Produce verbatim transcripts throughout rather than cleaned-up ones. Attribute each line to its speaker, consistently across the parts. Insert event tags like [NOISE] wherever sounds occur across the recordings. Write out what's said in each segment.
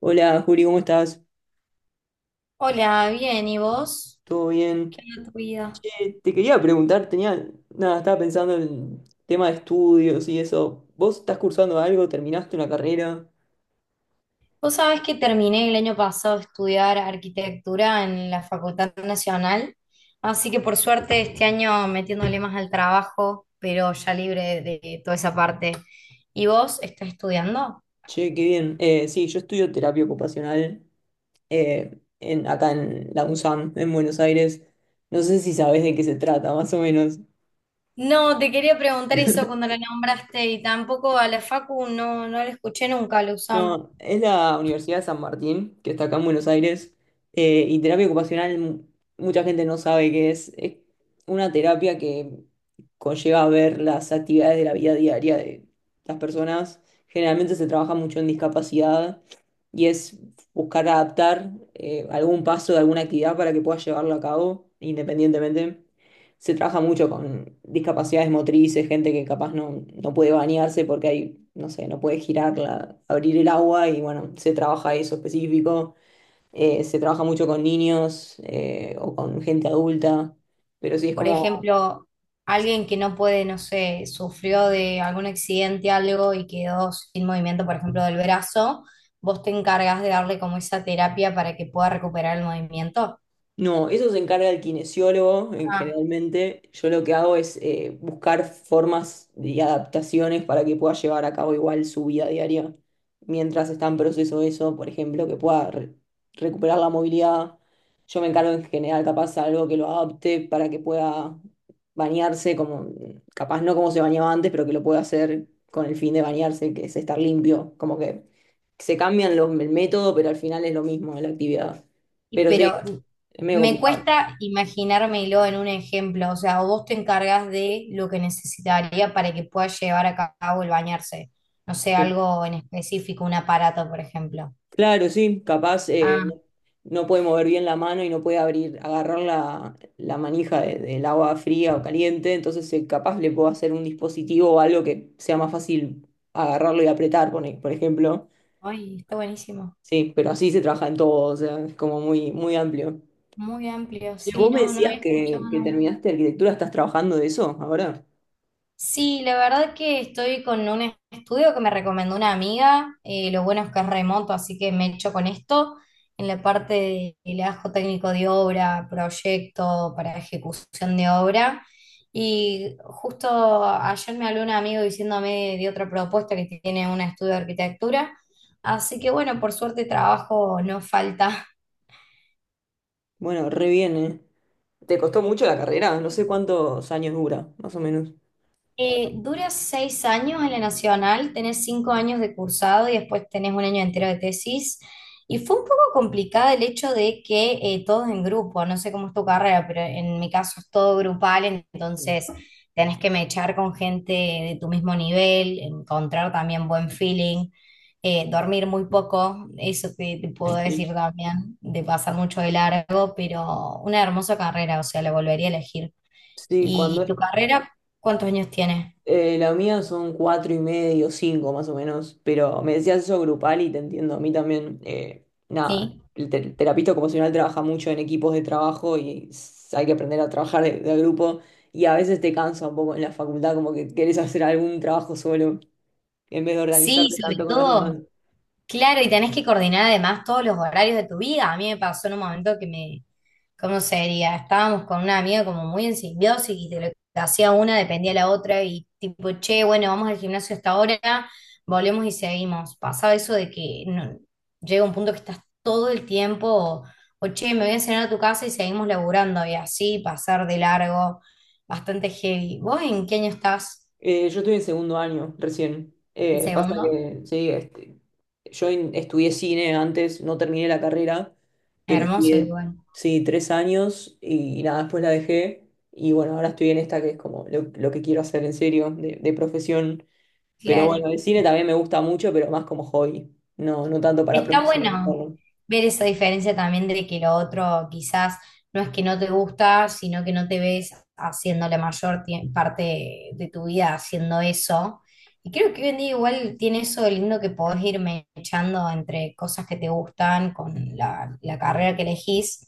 Speaker 1: Hola, Juli, ¿cómo estás?
Speaker 2: Hola, bien, ¿y vos?
Speaker 1: ¿Todo bien?
Speaker 2: ¿Qué onda tu vida?
Speaker 1: Che, te quería preguntar, tenía, nada, estaba pensando en tema de estudios y eso. ¿Vos estás cursando algo? ¿Terminaste una carrera?
Speaker 2: Vos sabés que terminé el año pasado de estudiar arquitectura en la Facultad Nacional, así que por suerte este año metiéndole más al trabajo, pero ya libre de toda esa parte. ¿Y vos estás estudiando?
Speaker 1: Che, qué bien. Eh, sí, yo estudio terapia ocupacional eh, en, acá en la UNSAM, en Buenos Aires. No sé si sabés de qué se trata, más o menos.
Speaker 2: No, te quería preguntar eso cuando la nombraste y tampoco a la Facu no, no la escuché nunca, la U S A M.
Speaker 1: No, es la Universidad de San Martín, que está acá en Buenos Aires, eh, y terapia ocupacional mu- mucha gente no sabe qué es. Es una terapia que conlleva ver las actividades de la vida diaria de las personas. Generalmente se trabaja mucho en discapacidad y es buscar adaptar eh, algún paso de alguna actividad para que puedas llevarlo a cabo independientemente. Se trabaja mucho con discapacidades motrices, gente que capaz no, no puede bañarse porque hay, no sé, no puede girar, la- abrir el agua y bueno, se trabaja eso específico. Eh, se trabaja mucho con niños eh, o con gente adulta, pero sí es
Speaker 2: Por
Speaker 1: como.
Speaker 2: ejemplo, alguien que no puede, no sé, sufrió de algún accidente, algo y quedó sin movimiento, por ejemplo, del brazo, vos te encargas de darle como esa terapia para que pueda recuperar el movimiento.
Speaker 1: No, eso se encarga el kinesiólogo, en
Speaker 2: Ah.
Speaker 1: generalmente. Yo lo que hago es eh, buscar formas y adaptaciones para que pueda llevar a cabo igual su vida diaria. Mientras está en proceso eso, por ejemplo, que pueda re- recuperar la movilidad. Yo me encargo en general, capaz, algo que lo adapte para que pueda bañarse, como, capaz no como se bañaba antes, pero que lo pueda hacer con el fin de bañarse, que es estar limpio. Como que se cambian los, el método, pero al final es lo mismo la actividad.
Speaker 2: Y-
Speaker 1: Pero sí.
Speaker 2: Pero
Speaker 1: Es medio
Speaker 2: me
Speaker 1: complicado.
Speaker 2: cuesta imaginármelo en un ejemplo, o sea, o vos te encargas de lo que necesitaría para que pueda llevar a cabo el bañarse, no sé,
Speaker 1: Cl-
Speaker 2: algo en específico, un aparato, por ejemplo.
Speaker 1: Claro, sí, capaz eh,
Speaker 2: Ah.
Speaker 1: no, no puede mover bien la mano y no puede abrir, agarrar la, la manija de- del agua fría o caliente, entonces eh, capaz le puedo hacer un dispositivo o algo que sea más fácil agarrarlo y apretar, pone- por ejemplo.
Speaker 2: Ay, está buenísimo.
Speaker 1: Sí, pero así se trabaja en todo, o sea, es como muy, muy amplio.
Speaker 2: Muy amplio,
Speaker 1: Y
Speaker 2: sí,
Speaker 1: vos me
Speaker 2: no, no
Speaker 1: decías
Speaker 2: había escuchado
Speaker 1: que, que
Speaker 2: nunca.
Speaker 1: terminaste arquitectura, ¿estás trabajando de eso ahora?
Speaker 2: Sí, la verdad que estoy con un estudio que me recomendó una amiga. Eh, lo bueno es que es remoto, así que me echo con esto en la parte de legajo técnico de obra, proyecto para ejecución de obra. Y justo ayer me habló un amigo diciéndome de otra propuesta que tiene un estudio de arquitectura. Así que bueno, por suerte trabajo no falta.
Speaker 1: Bueno, re bien, ¿eh? ¿Te costó mucho la carrera? No sé cuántos años dura, más o menos.
Speaker 2: Eh, dura seis años en la Nacional, tenés cinco años de cursado y después tenés un año entero de tesis. Y fue un poco complicada el hecho de que eh, todos en grupo, no sé cómo es tu carrera, pero en mi caso es todo grupal, entonces tenés que mechar con gente de tu mismo nivel, encontrar también buen feeling, eh, dormir muy poco, eso te, te puedo
Speaker 1: Sí,
Speaker 2: decir también, de pasar mucho de largo, pero una hermosa carrera, o sea, la volvería a elegir.
Speaker 1: sí, cuando
Speaker 2: ¿Y
Speaker 1: es.
Speaker 2: tu carrera, cuántos años tienes?
Speaker 1: Eh, la mía son cuatro y medio, cinco más o menos, pero me decías eso grupal y te entiendo. A mí también, eh, nada,
Speaker 2: Sí.
Speaker 1: el, te- el terapista ocupacional trabaja mucho en equipos de trabajo y s- hay que aprender a trabajar de, de grupo, y a veces te cansa un poco en la facultad, como que querés hacer algún trabajo solo en vez de
Speaker 2: Sí,
Speaker 1: organizarte tanto
Speaker 2: sobre
Speaker 1: con los demás.
Speaker 2: todo. Claro, y tenés que coordinar además todos los horarios de tu vida. A mí me pasó en un momento que me, ¿cómo sería? Estábamos con una amiga como muy en simbiosis y de lo que hacía una dependía la otra y tipo, che, bueno, vamos al gimnasio hasta ahora, volvemos y seguimos. Pasaba eso de que no- llega un punto que estás todo el tiempo, o, o, che, me voy a cenar a tu casa y seguimos laburando y así pasar de largo, bastante heavy. ¿Vos en qué año estás?
Speaker 1: Eh, yo estoy en segundo año recién.
Speaker 2: ¿En
Speaker 1: Eh, pasa
Speaker 2: segundo?
Speaker 1: que, sí, este, yo en- Estudié cine antes, no terminé la carrera, pero
Speaker 2: Hermoso
Speaker 1: estudié,
Speaker 2: igual.
Speaker 1: sí, tres años y, nada, después la dejé. Y bueno, ahora estoy en esta que es como lo, lo que quiero hacer en serio, de, de profesión. Pero
Speaker 2: Claro.
Speaker 1: bueno, el cine también me gusta mucho, pero más como hobby, no, no tanto para
Speaker 2: Está
Speaker 1: profesionalizar.
Speaker 2: bueno ver esa diferencia también de que lo otro quizás no es que no te gusta, sino que no te ves haciendo la mayor tie- parte de tu vida haciendo eso. Y creo que hoy en día igual tiene eso de lindo que podés ir echando entre cosas que te gustan con la, la carrera que elegís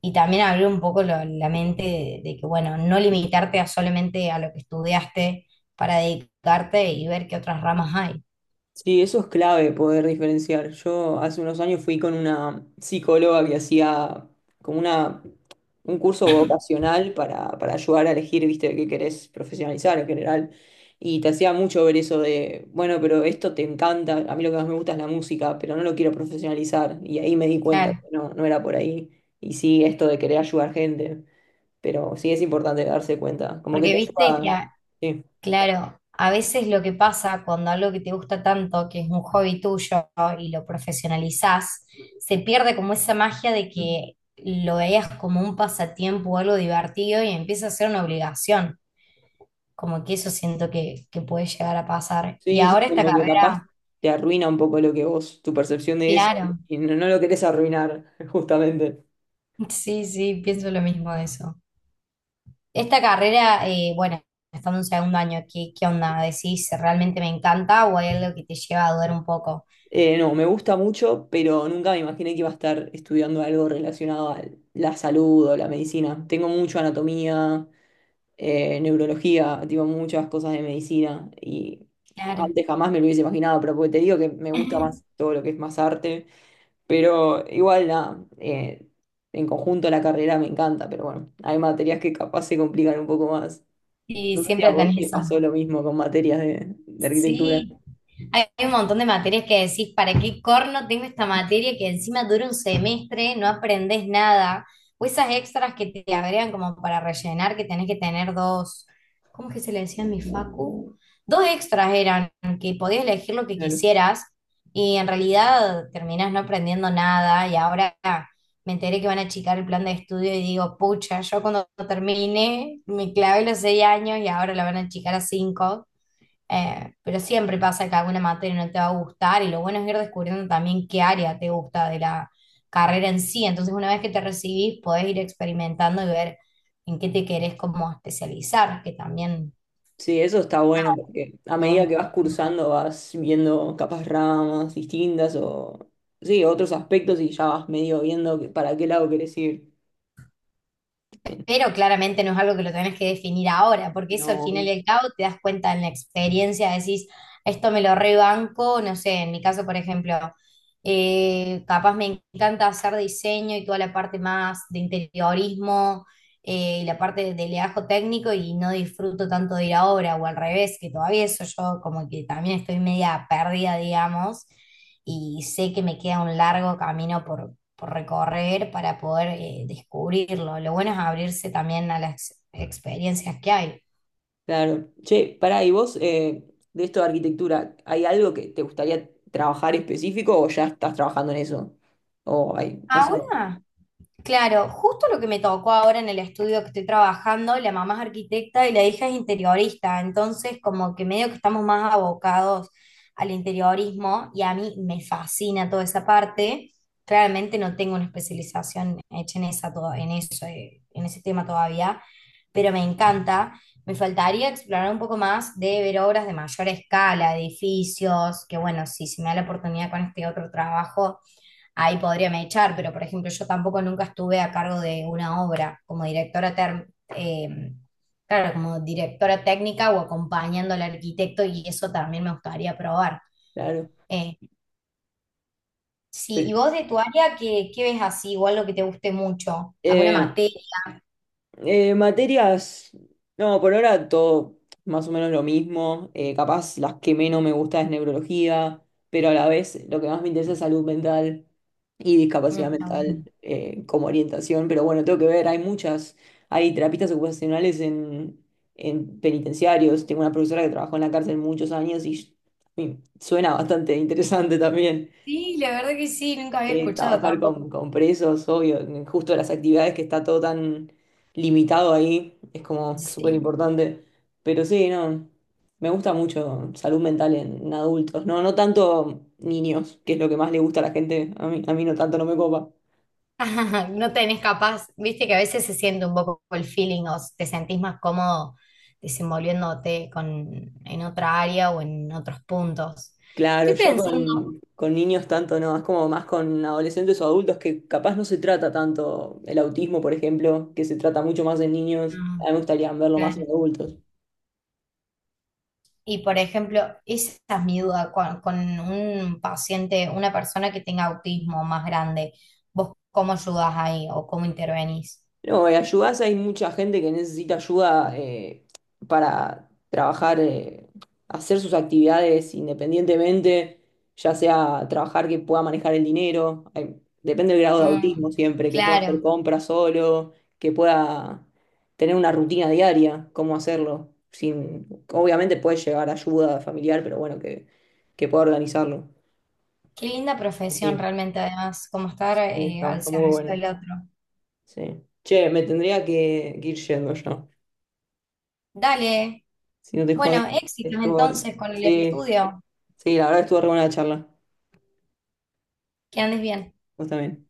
Speaker 2: y también abrir un poco lo- la mente de, de que, bueno, no limitarte a solamente a lo que estudiaste para dedicarte y ver qué otras ramas hay.
Speaker 1: Sí, eso es clave poder diferenciar. Yo hace unos años fui con una psicóloga que hacía como una, un curso vocacional para, para ayudar a elegir, viste, qué querés profesionalizar en general. Y te hacía mucho ver eso de, bueno, pero esto te encanta, a mí lo que más me gusta es la música, pero no lo quiero profesionalizar. Y ahí me di cuenta que
Speaker 2: Claro.
Speaker 1: no, no era por ahí. Y sí, esto de querer ayudar gente, pero sí es importante darse cuenta, como que
Speaker 2: Porque
Speaker 1: te
Speaker 2: viste que,
Speaker 1: ayuda.
Speaker 2: a-
Speaker 1: Sí.
Speaker 2: claro, a veces lo que pasa cuando algo que te gusta tanto, que es un hobby tuyo y lo profesionalizás, se pierde como esa magia de que lo veías como un pasatiempo o algo divertido y empieza a ser una obligación. Como que eso siento que, que puede llegar a pasar. Y
Speaker 1: Sí, sí,
Speaker 2: ahora esta
Speaker 1: como que capaz
Speaker 2: carrera,
Speaker 1: te arruina un poco lo que vos, tu percepción de eso,
Speaker 2: claro,
Speaker 1: y no, no lo querés arruinar, [LAUGHS] justamente.
Speaker 2: [LAUGHS] sí, sí, pienso lo mismo de eso. Esta carrera, eh, bueno, estando en segundo año, ¿qué, qué onda? ¿Decís realmente me encanta o hay algo que te lleva a dudar un poco?
Speaker 1: Eh, no, me gusta mucho, pero nunca me imaginé que iba a estar estudiando algo relacionado a la salud o la medicina. Tengo mucho anatomía, eh, neurología, tipo muchas cosas de medicina, y
Speaker 2: Claro.
Speaker 1: antes jamás me lo hubiese imaginado, pero porque te digo que me gusta más
Speaker 2: [LAUGHS]
Speaker 1: todo lo que es más arte. Pero igual, nada, eh, en conjunto la carrera me encanta, pero bueno, hay materias que capaz se complican un poco más.
Speaker 2: Y
Speaker 1: No sé si a
Speaker 2: siempre
Speaker 1: vos
Speaker 2: tenés
Speaker 1: te
Speaker 2: eso.
Speaker 1: pasó lo mismo con materias de, de arquitectura.
Speaker 2: Sí, hay hay un montón de materias que decís, ¿para qué corno tengo esta materia que encima dura un semestre, no aprendés nada? O esas extras que te agregan como para rellenar, que tenés que tener dos, ¿cómo es que se le decía en mi facu? Dos extras eran, que podías elegir lo que
Speaker 1: Claro.
Speaker 2: quisieras y en realidad terminás no aprendiendo nada y ahora me enteré que van a achicar el plan de estudio y digo, pucha, yo cuando termine me clavé los seis años y ahora lo van a achicar a cinco. Eh, pero siempre pasa que alguna materia no te va a gustar y lo bueno es ir descubriendo también qué área te gusta de la carrera en sí. Entonces, una vez que te recibís, podés ir experimentando y ver en qué te querés como especializar, que también
Speaker 1: Sí, eso está bueno
Speaker 2: nada,
Speaker 1: porque a
Speaker 2: lo vas
Speaker 1: medida que vas
Speaker 2: descubriendo.
Speaker 1: cursando vas viendo capas ramas distintas o sí, otros aspectos y ya vas medio viendo que- para qué lado querés ir.
Speaker 2: Pero claramente no es algo que lo tenés que definir ahora, porque eso al final
Speaker 1: No,
Speaker 2: y al cabo te das cuenta en la experiencia, decís, esto me lo rebanco, no sé, en mi caso, por ejemplo, eh, capaz me encanta hacer diseño y toda la parte más de interiorismo eh, y la parte de leajo técnico y no disfruto tanto de ir a obra o al revés, que todavía eso yo como que también estoy media perdida, digamos, y sé que me queda un largo camino por recorrer para poder eh, descubrirlo. Lo bueno es abrirse también a las experiencias que hay.
Speaker 1: claro. Che, pará, y vos, eh, de esto de arquitectura, ¿hay algo que te gustaría trabajar específico o ya estás trabajando en eso? O hay, no sé,
Speaker 2: Ahora claro, justo lo que me tocó ahora en el estudio que estoy trabajando, la mamá es arquitecta y la hija es interiorista, entonces como que medio que estamos más abocados al interiorismo y a mí me fascina toda esa parte. Claramente no tengo una especialización hecha en esa to- en eso, eh, en ese tema todavía, pero me encanta. Me faltaría explorar un poco más de ver obras de mayor escala, edificios, que bueno, si se me da la oportunidad con este otro trabajo ahí podrían echar, pero por ejemplo, yo tampoco nunca estuve a cargo de una obra como directora, ter- eh, claro, como directora técnica o acompañando al arquitecto y eso también me gustaría probar.
Speaker 1: claro.
Speaker 2: Eh, sí,
Speaker 1: Pero,
Speaker 2: y vos de tu área, ¿qué, qué ves así? Igual lo que te guste mucho, alguna
Speaker 1: eh,
Speaker 2: materia.
Speaker 1: Eh, materias, no, por ahora todo más o menos lo mismo. Eh, capaz las que menos me gusta es neurología, pero a la vez lo que más me interesa es salud mental y
Speaker 2: Mm,
Speaker 1: discapacidad
Speaker 2: está bueno.
Speaker 1: mental eh, como orientación. Pero bueno, tengo que ver, hay muchas, hay terapistas ocupacionales en, en penitenciarios. Tengo una profesora que trabajó en la cárcel muchos años y, y suena bastante interesante también.
Speaker 2: Sí, la verdad que sí, nunca había
Speaker 1: Eh,
Speaker 2: escuchado
Speaker 1: trabajar
Speaker 2: tampoco.
Speaker 1: con, con presos, obvio, justo las actividades que está todo tan limitado ahí, es como súper
Speaker 2: Sí.
Speaker 1: importante. Pero sí, no, me gusta mucho salud mental en, en adultos, no, no tanto niños, que es lo que más le gusta a la gente, a mí, a mí no tanto, no me copa.
Speaker 2: [LAUGHS] No tenés capaz, viste que a veces se siente un poco el feeling o te sentís más cómodo desenvolviéndote con, en otra área o en otros puntos.
Speaker 1: Claro,
Speaker 2: Estoy
Speaker 1: yo
Speaker 2: pensando,
Speaker 1: con, con niños tanto no, es como más con adolescentes o adultos que capaz no se trata tanto el autismo, por ejemplo, que se trata mucho más en niños,
Speaker 2: mm,
Speaker 1: a mí me gustaría verlo más en
Speaker 2: claro.
Speaker 1: adultos.
Speaker 2: Y por ejemplo, esa es mi duda con, con un paciente, una persona que tenga autismo más grande, ¿vos cómo ayudás ahí o cómo intervenís?
Speaker 1: No, eh, ayudás, hay mucha gente que necesita ayuda eh, para trabajar, eh, hacer sus actividades independientemente, ya sea trabajar que pueda manejar el dinero, hay- depende del grado de autismo
Speaker 2: Mm,
Speaker 1: siempre, que pueda hacer
Speaker 2: claro,
Speaker 1: compras solo, que pueda tener una rutina diaria, cómo hacerlo, sin, obviamente puede llegar ayuda familiar, pero bueno, que, que pueda organizarlo.
Speaker 2: qué linda profesión
Speaker 1: Sí,
Speaker 2: realmente además, como estar
Speaker 1: sí,
Speaker 2: eh,
Speaker 1: está,
Speaker 2: al
Speaker 1: está muy
Speaker 2: servicio
Speaker 1: bueno.
Speaker 2: del otro.
Speaker 1: Sí. Che, me tendría que que ir yendo ya.
Speaker 2: Dale.
Speaker 1: Si no te jodés,
Speaker 2: Bueno, éxitos
Speaker 1: estuvo.
Speaker 2: entonces con el
Speaker 1: Sí,
Speaker 2: estudio.
Speaker 1: sí, la verdad estuvo re buena la charla.
Speaker 2: Que andes bien.
Speaker 1: Vos también.